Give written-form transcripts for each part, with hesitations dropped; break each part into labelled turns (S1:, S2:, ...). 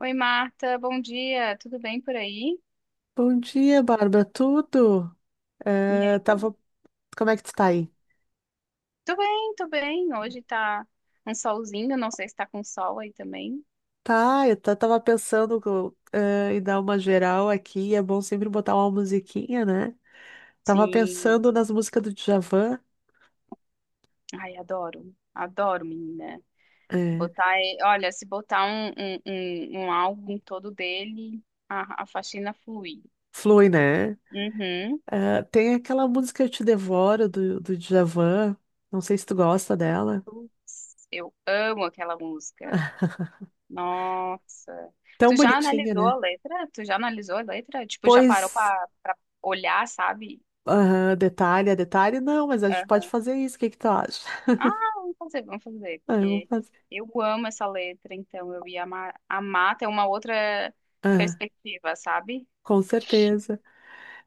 S1: Oi, Marta, bom dia. Tudo bem por aí?
S2: Bom dia, Bárbara. Tudo?
S1: E
S2: Eh,
S1: aí?
S2: tava... Como é que tu tá aí?
S1: Tô bem, tô bem. Hoje tá um solzinho, não sei se tá com sol aí também.
S2: Tá, tava pensando em dar uma geral aqui. É bom sempre botar uma musiquinha, né? Tava
S1: Sim.
S2: pensando nas músicas do Djavan.
S1: Ai, adoro. Adoro, menina.
S2: É,
S1: Botar, olha, se botar um álbum todo dele, a faxina flui.
S2: flui, né?
S1: Uhum.
S2: Tem aquela música Eu Te Devoro do Djavan. Não sei se tu gosta dela.
S1: Putz, eu amo aquela música. Nossa.
S2: Tão
S1: Tu já
S2: bonitinha,
S1: analisou a
S2: né?
S1: letra? Tu já analisou a letra? Tipo, já parou
S2: Pois,
S1: pra olhar, sabe?
S2: aham, detalhe, é detalhe, não, mas a gente pode fazer isso. O que que tu acha?
S1: Ah, vamos fazer,
S2: Ah, eu vou
S1: porque
S2: fazer.
S1: eu amo essa letra, então eu ia amar ter uma outra
S2: Ah,
S1: perspectiva, sabe?
S2: com certeza.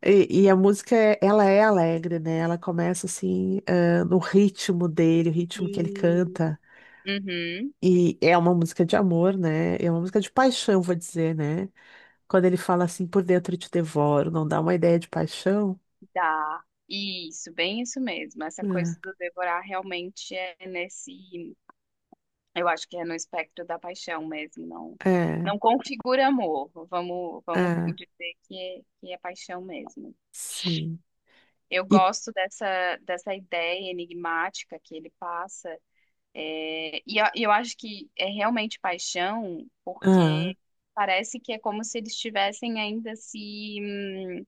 S2: E a música, ela é alegre, né? Ela começa assim, ah, no ritmo dele, o ritmo que ele
S1: Sim.
S2: canta.
S1: Uhum,
S2: E é uma música de amor, né? É uma música de paixão, vou dizer, né? Quando ele fala assim, por dentro eu te devoro, não dá uma ideia de paixão?
S1: dá. Isso, bem isso mesmo. Essa coisa
S2: É,
S1: do devorar realmente é nesse, eu acho que é no espectro da paixão mesmo, não,
S2: é,
S1: não configura amor. Vamos
S2: é,
S1: dizer que é paixão mesmo.
S2: sim.
S1: Eu
S2: E,
S1: gosto dessa ideia enigmática que ele passa. É, e eu acho que é realmente paixão,
S2: ah,
S1: porque parece que é como se eles estivessem ainda se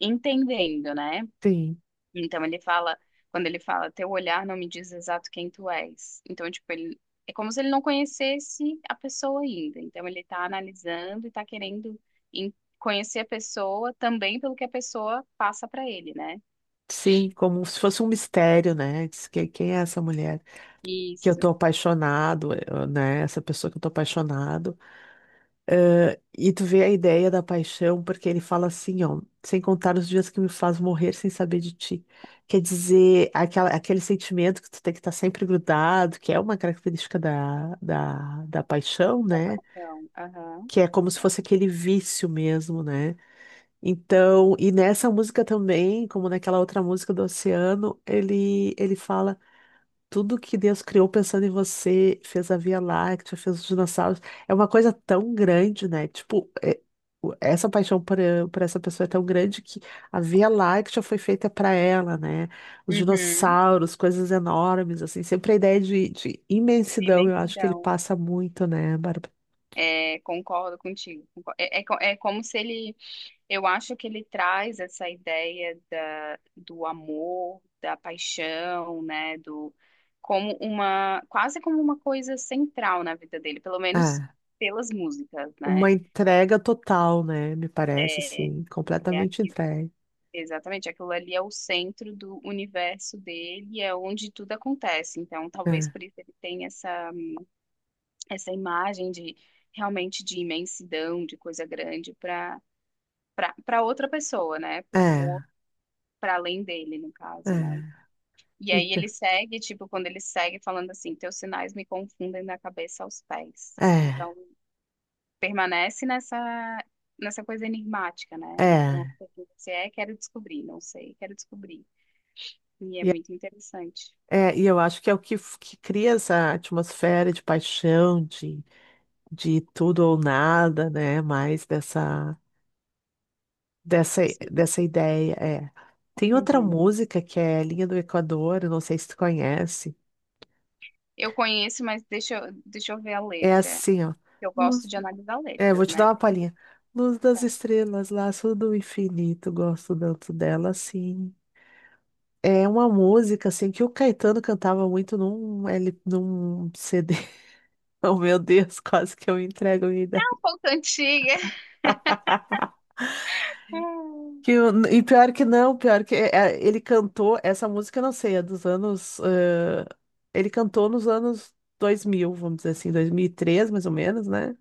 S1: entendendo, né?
S2: sim,
S1: Então ele fala, quando ele fala, teu olhar não me diz exato quem tu és. Então, tipo, ele, é como se ele não conhecesse a pessoa ainda. Então ele tá analisando e tá querendo em- conhecer a pessoa também pelo que a pessoa passa pra ele, né?
S2: sim, como se fosse um mistério, né? Quem é essa mulher que eu tô
S1: Isso,
S2: apaixonado, né? Essa pessoa que eu tô apaixonado. E tu vê a ideia da paixão, porque ele fala assim, ó, sem contar os dias que me faz morrer sem saber de ti. Quer dizer, aquela, aquele sentimento que tu tem que estar sempre grudado, que é uma característica da paixão,
S1: da
S2: né?
S1: paixão. Aham.
S2: Que é como se fosse aquele vício mesmo, né? Então, e nessa música também, como naquela outra música do Oceano, ele fala. Tudo que Deus criou pensando em você, fez a Via Láctea, fez os dinossauros, é uma coisa tão grande, né? Tipo, essa paixão por essa pessoa é tão grande que a Via Láctea foi feita para ela, né? Os
S1: Uhum.
S2: dinossauros, coisas enormes, assim, sempre a ideia de imensidão, eu acho que ele
S1: Imensidão.
S2: passa muito, né, Bárbara?
S1: É, concordo contigo. É, é, é como se ele, eu acho que ele traz essa ideia da, do amor, da paixão, né, do como uma, quase como uma coisa central na vida dele, pelo menos
S2: Ah,
S1: pelas músicas,
S2: uma
S1: né?
S2: entrega total, né? Me parece,
S1: É,
S2: assim,
S1: é
S2: completamente
S1: aqui,
S2: entregue.
S1: exatamente, aquilo ali é o centro do universo dele, é onde tudo acontece. Então, talvez
S2: É,
S1: por isso ele tenha essa imagem de realmente de imensidão, de coisa grande para outra pessoa, né? Para
S2: é,
S1: outro, para além dele, no
S2: é.
S1: caso, né? E aí
S2: Então,
S1: ele segue, tipo, quando ele segue falando assim, teus sinais me confundem da cabeça aos pés.
S2: é,
S1: Então, permanece nessa coisa enigmática, né? Então,
S2: é.
S1: o que você é, quero descobrir, não sei, quero descobrir. E é
S2: E
S1: muito interessante.
S2: É, e eu acho que é o que, que cria essa atmosfera de paixão, de tudo ou nada, né? Mais dessa, dessa,
S1: Sim.
S2: dessa ideia. É. Tem outra
S1: Uhum.
S2: música que é Linha do Equador, eu não sei se tu conhece.
S1: Eu conheço, mas deixa, deixa eu ver a
S2: É
S1: letra.
S2: assim, ó.
S1: Eu gosto
S2: Luz-
S1: de analisar
S2: É, vou
S1: letras,
S2: te
S1: né?
S2: dar uma palhinha. Luz
S1: É
S2: das estrelas, laço do infinito, gosto tanto dela, sim. É uma música, assim, que o Caetano cantava muito num CD. Oh, meu Deus, quase que eu entrego a minha idade.
S1: um pouco antiga.
S2: E pior que não, pior que é, é, ele cantou essa música, eu não sei, é dos ele cantou nos anos dois mil, vamos dizer assim, dois mil e três, mais ou menos, né?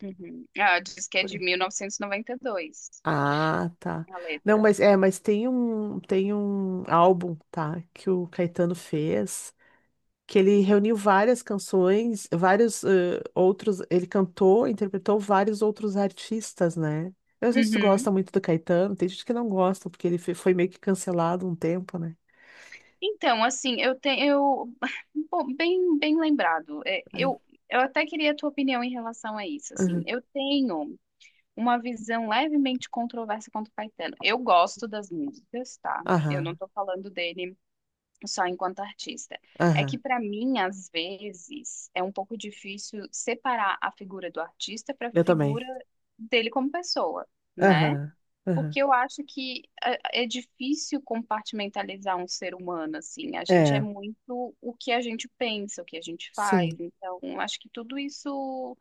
S1: Uhum. Ah, diz que é
S2: Por
S1: de
S2: aí.
S1: 1992,
S2: Ah, tá.
S1: a
S2: Não,
S1: letra.
S2: mas é, mas tem um álbum, tá, que o Caetano fez, que ele reuniu várias canções, vários outros, ele cantou, interpretou vários outros artistas, né? Eu não sei se tu gosta
S1: Uhum.
S2: muito do Caetano, tem gente que não gosta, porque ele foi meio que cancelado um tempo, né?
S1: Então, assim, eu, tenho, eu, bom, bem lembrado. É,
S2: É.
S1: eu, até queria a tua opinião em relação a isso. Assim,
S2: Aham,
S1: eu tenho uma visão levemente controversa quanto o Caetano. Eu gosto das músicas, tá? Eu não
S2: aham,
S1: tô falando dele só enquanto artista. É
S2: aham.
S1: que para mim, às vezes, é um pouco difícil separar a figura do artista para a
S2: Eu também.
S1: figura dele como pessoa, né?
S2: Aham, aham.
S1: Porque eu acho que é difícil compartimentalizar um ser humano, assim. A gente é
S2: É,
S1: muito o que a gente pensa, o que a gente faz.
S2: sim.
S1: Então, acho que tudo isso,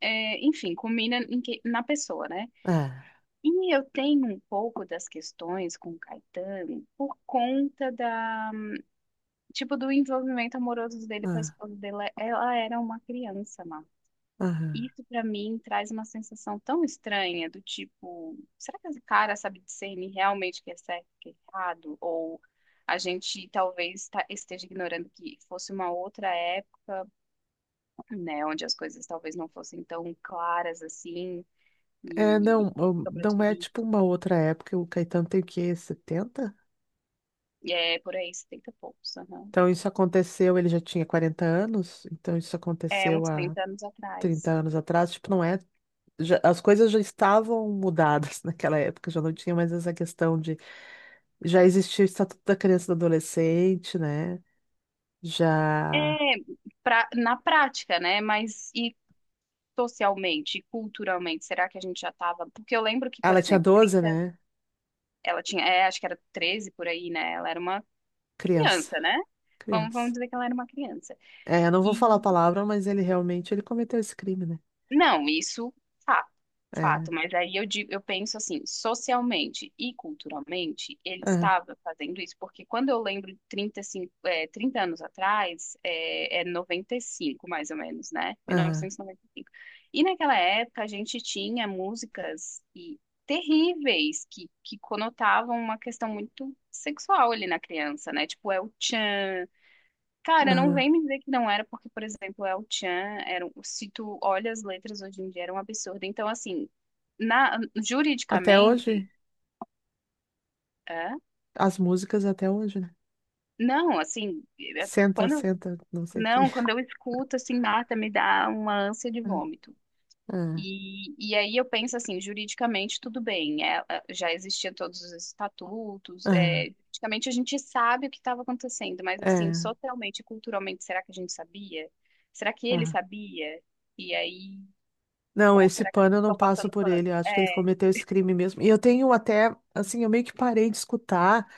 S1: é, enfim, combina em na pessoa, né?
S2: Ah,
S1: E eu tenho um pouco das questões com o Caetano por conta da, tipo, do envolvimento amoroso dele com a
S2: ah,
S1: esposa dele. Ela era uma criança, Marcos.
S2: aham.
S1: Isso pra mim traz uma sensação tão estranha do tipo, será que esse cara sabe discernir realmente o que é certo e o que é errado? Ou a gente talvez esteja ignorando que fosse uma outra época, né, onde as coisas talvez não fossem tão claras assim
S2: É,
S1: e
S2: não,
S1: e sobre
S2: não é tipo
S1: isso.
S2: uma outra época, o Caetano tem o quê? Setenta.
S1: E é por aí, 70 e poucos, aham.
S2: Então isso aconteceu, ele já tinha 40 anos, então isso
S1: É
S2: aconteceu
S1: uns
S2: há
S1: 30 anos
S2: 30
S1: atrás.
S2: anos atrás, tipo, não é. As coisas já estavam mudadas naquela época, já não tinha mais essa questão de. Já existia o Estatuto da Criança e do Adolescente, né? Já. Ah,
S1: É, pra, na prática, né? Mas e socialmente, e culturalmente, será que a gente já estava? Porque eu lembro que, por
S2: ela tinha
S1: exemplo,
S2: doze,
S1: trinta.
S2: né?
S1: Ela tinha, é, acho que era 13 por aí, né? Ela era uma
S2: Criança.
S1: criança, né? Vamos
S2: Criança.
S1: dizer que ela era uma criança.
S2: É, eu não vou falar a palavra, mas ele realmente ele cometeu esse crime, né?
S1: Não, isso, fato,
S2: É.
S1: fato. Mas aí eu digo, eu penso assim, socialmente e culturalmente, ele
S2: Aham,
S1: estava fazendo isso, porque quando eu lembro de 35, é, 30 anos atrás, é 95 mais ou menos, né?
S2: aham,
S1: 1995. E noventa e cinco. E naquela época a gente tinha músicas e terríveis que conotavam uma questão muito sexual ali na criança, né? Tipo, é o tchan. Cara, não
S2: aham.
S1: vem me dizer que não era, porque, por exemplo, El Chan, era, se tu olha as letras hoje em dia, era um absurdo. Então, assim, na,
S2: Até
S1: juridicamente,
S2: hoje,
S1: é?
S2: as músicas até hoje, né?
S1: Não, assim,
S2: Senta,
S1: quando,
S2: senta, não sei o quê.
S1: não, quando eu escuto, assim, Marta, me dá uma ânsia de vômito.
S2: Ah, ah,
S1: E aí eu penso assim, juridicamente tudo bem, já existiam todos os estatutos,
S2: ah,
S1: é, juridicamente a gente sabe o que estava acontecendo, mas assim,
S2: é,
S1: socialmente e culturalmente, será que a gente sabia? Será que ele
S2: ah.
S1: sabia? E aí
S2: Não,
S1: Ou
S2: esse
S1: será que
S2: pano eu não
S1: estão
S2: passo
S1: passando
S2: por ele.
S1: pano?
S2: Eu acho que ele
S1: É.
S2: cometeu esse crime mesmo. E eu tenho até, assim, eu meio que parei de escutar,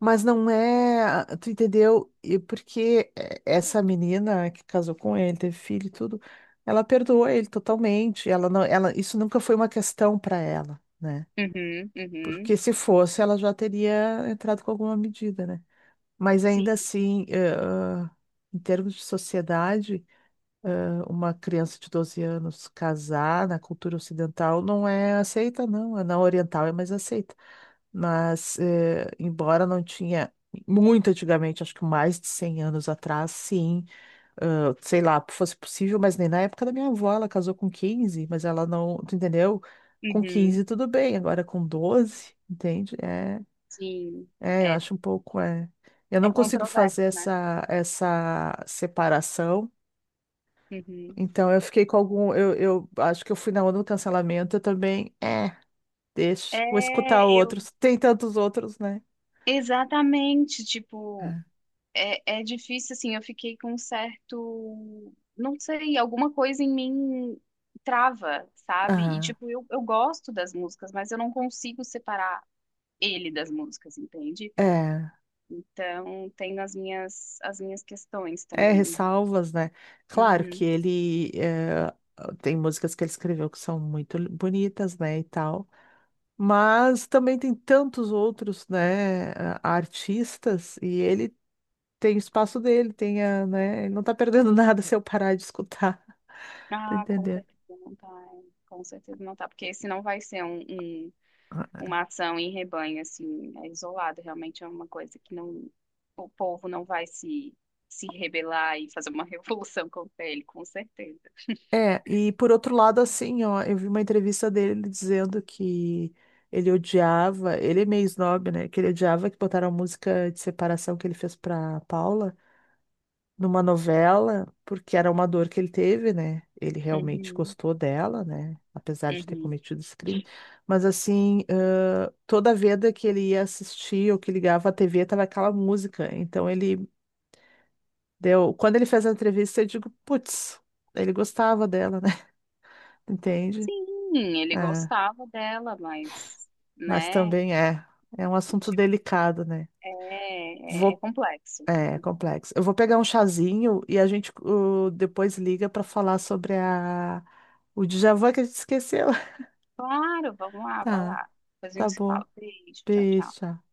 S2: mas não é, ah, tu entendeu? E porque essa menina que casou com ele, teve filho e tudo, ela perdoou ele totalmente. Ela, isso nunca foi uma questão para ela, né?
S1: Uhum, uhum.
S2: Porque se fosse, ela já teria entrado com alguma medida, né? Mas
S1: Sim,
S2: ainda assim, em termos de sociedade, uma criança de 12 anos casar na cultura ocidental não é aceita, não. É, na oriental é mais aceita. Mas, embora não tinha muito antigamente, acho que mais de 100 anos atrás, sim, ah, sei lá, fosse possível, mas nem na época da minha avó, ela casou com quinze, mas ela não, tu entendeu? Com
S1: uhum,
S2: 15 tudo bem, agora com doze, entende? É,
S1: sim.
S2: é, eu
S1: É,
S2: acho um pouco, é. Eu
S1: é
S2: não consigo fazer
S1: controverso, né?
S2: essa separação.
S1: Uhum.
S2: Então eu fiquei com algum. Eu acho que eu fui na onda do cancelamento. Eu também. É, deixa. Vou
S1: É,
S2: escutar
S1: eu.
S2: outros. Tem tantos outros, né?
S1: Exatamente, tipo,
S2: É.
S1: é difícil, assim, eu fiquei com um certo. Não sei, alguma coisa em mim trava, sabe? E,
S2: Ah,
S1: tipo, eu gosto das músicas, mas eu não consigo separar ele das músicas, entende?
S2: é.
S1: Então, tem as minhas questões
S2: É,
S1: também.
S2: ressalvas, né? Claro que
S1: Uhum.
S2: ele. Tem músicas que ele escreveu que são muito bonitas, né? E tal. Mas também tem tantos outros, né? Ah, artistas. E ele tem o espaço dele, tem a, né? Ele não tá perdendo nada se eu parar de escutar. Tá
S1: Ah, com
S2: entendendo?
S1: certeza não tá. Hein? Com certeza não tá, porque senão vai ser uma ação em rebanho, assim, é isolado. Realmente é uma coisa que não, o povo não vai se rebelar e fazer uma revolução contra ele, com certeza.
S2: É, e por outro lado, assim, ó, eu vi uma entrevista dele dizendo que ele odiava, ele é meio snob, né? Que ele odiava que botaram a música de separação que ele fez pra Paula numa novela, porque era uma dor que ele teve, né? Ele realmente
S1: Uhum,
S2: gostou dela, né? Apesar de ter
S1: uhum.
S2: cometido esse crime. Mas assim, toda vez que ele ia assistir ou que ligava a TV, tava aquela música. Então ele deu. Quando ele fez a entrevista, eu digo, putz, ele gostava dela, né? Entende?
S1: Sim, ele
S2: É,
S1: gostava dela, mas,
S2: mas
S1: né,
S2: também é. É um assunto
S1: tipo,
S2: delicado, né?
S1: é, é
S2: Vou,
S1: complexo.
S2: é complexo. Eu vou pegar um chazinho e a gente depois liga para falar sobre a, o déjà vu que a gente esqueceu.
S1: Claro, vamos lá, vai
S2: Tá,
S1: lá. Depois a
S2: tá
S1: gente se
S2: bom.
S1: fala. Beijo, tchau,
S2: Beijo.
S1: tchau.
S2: Tchau.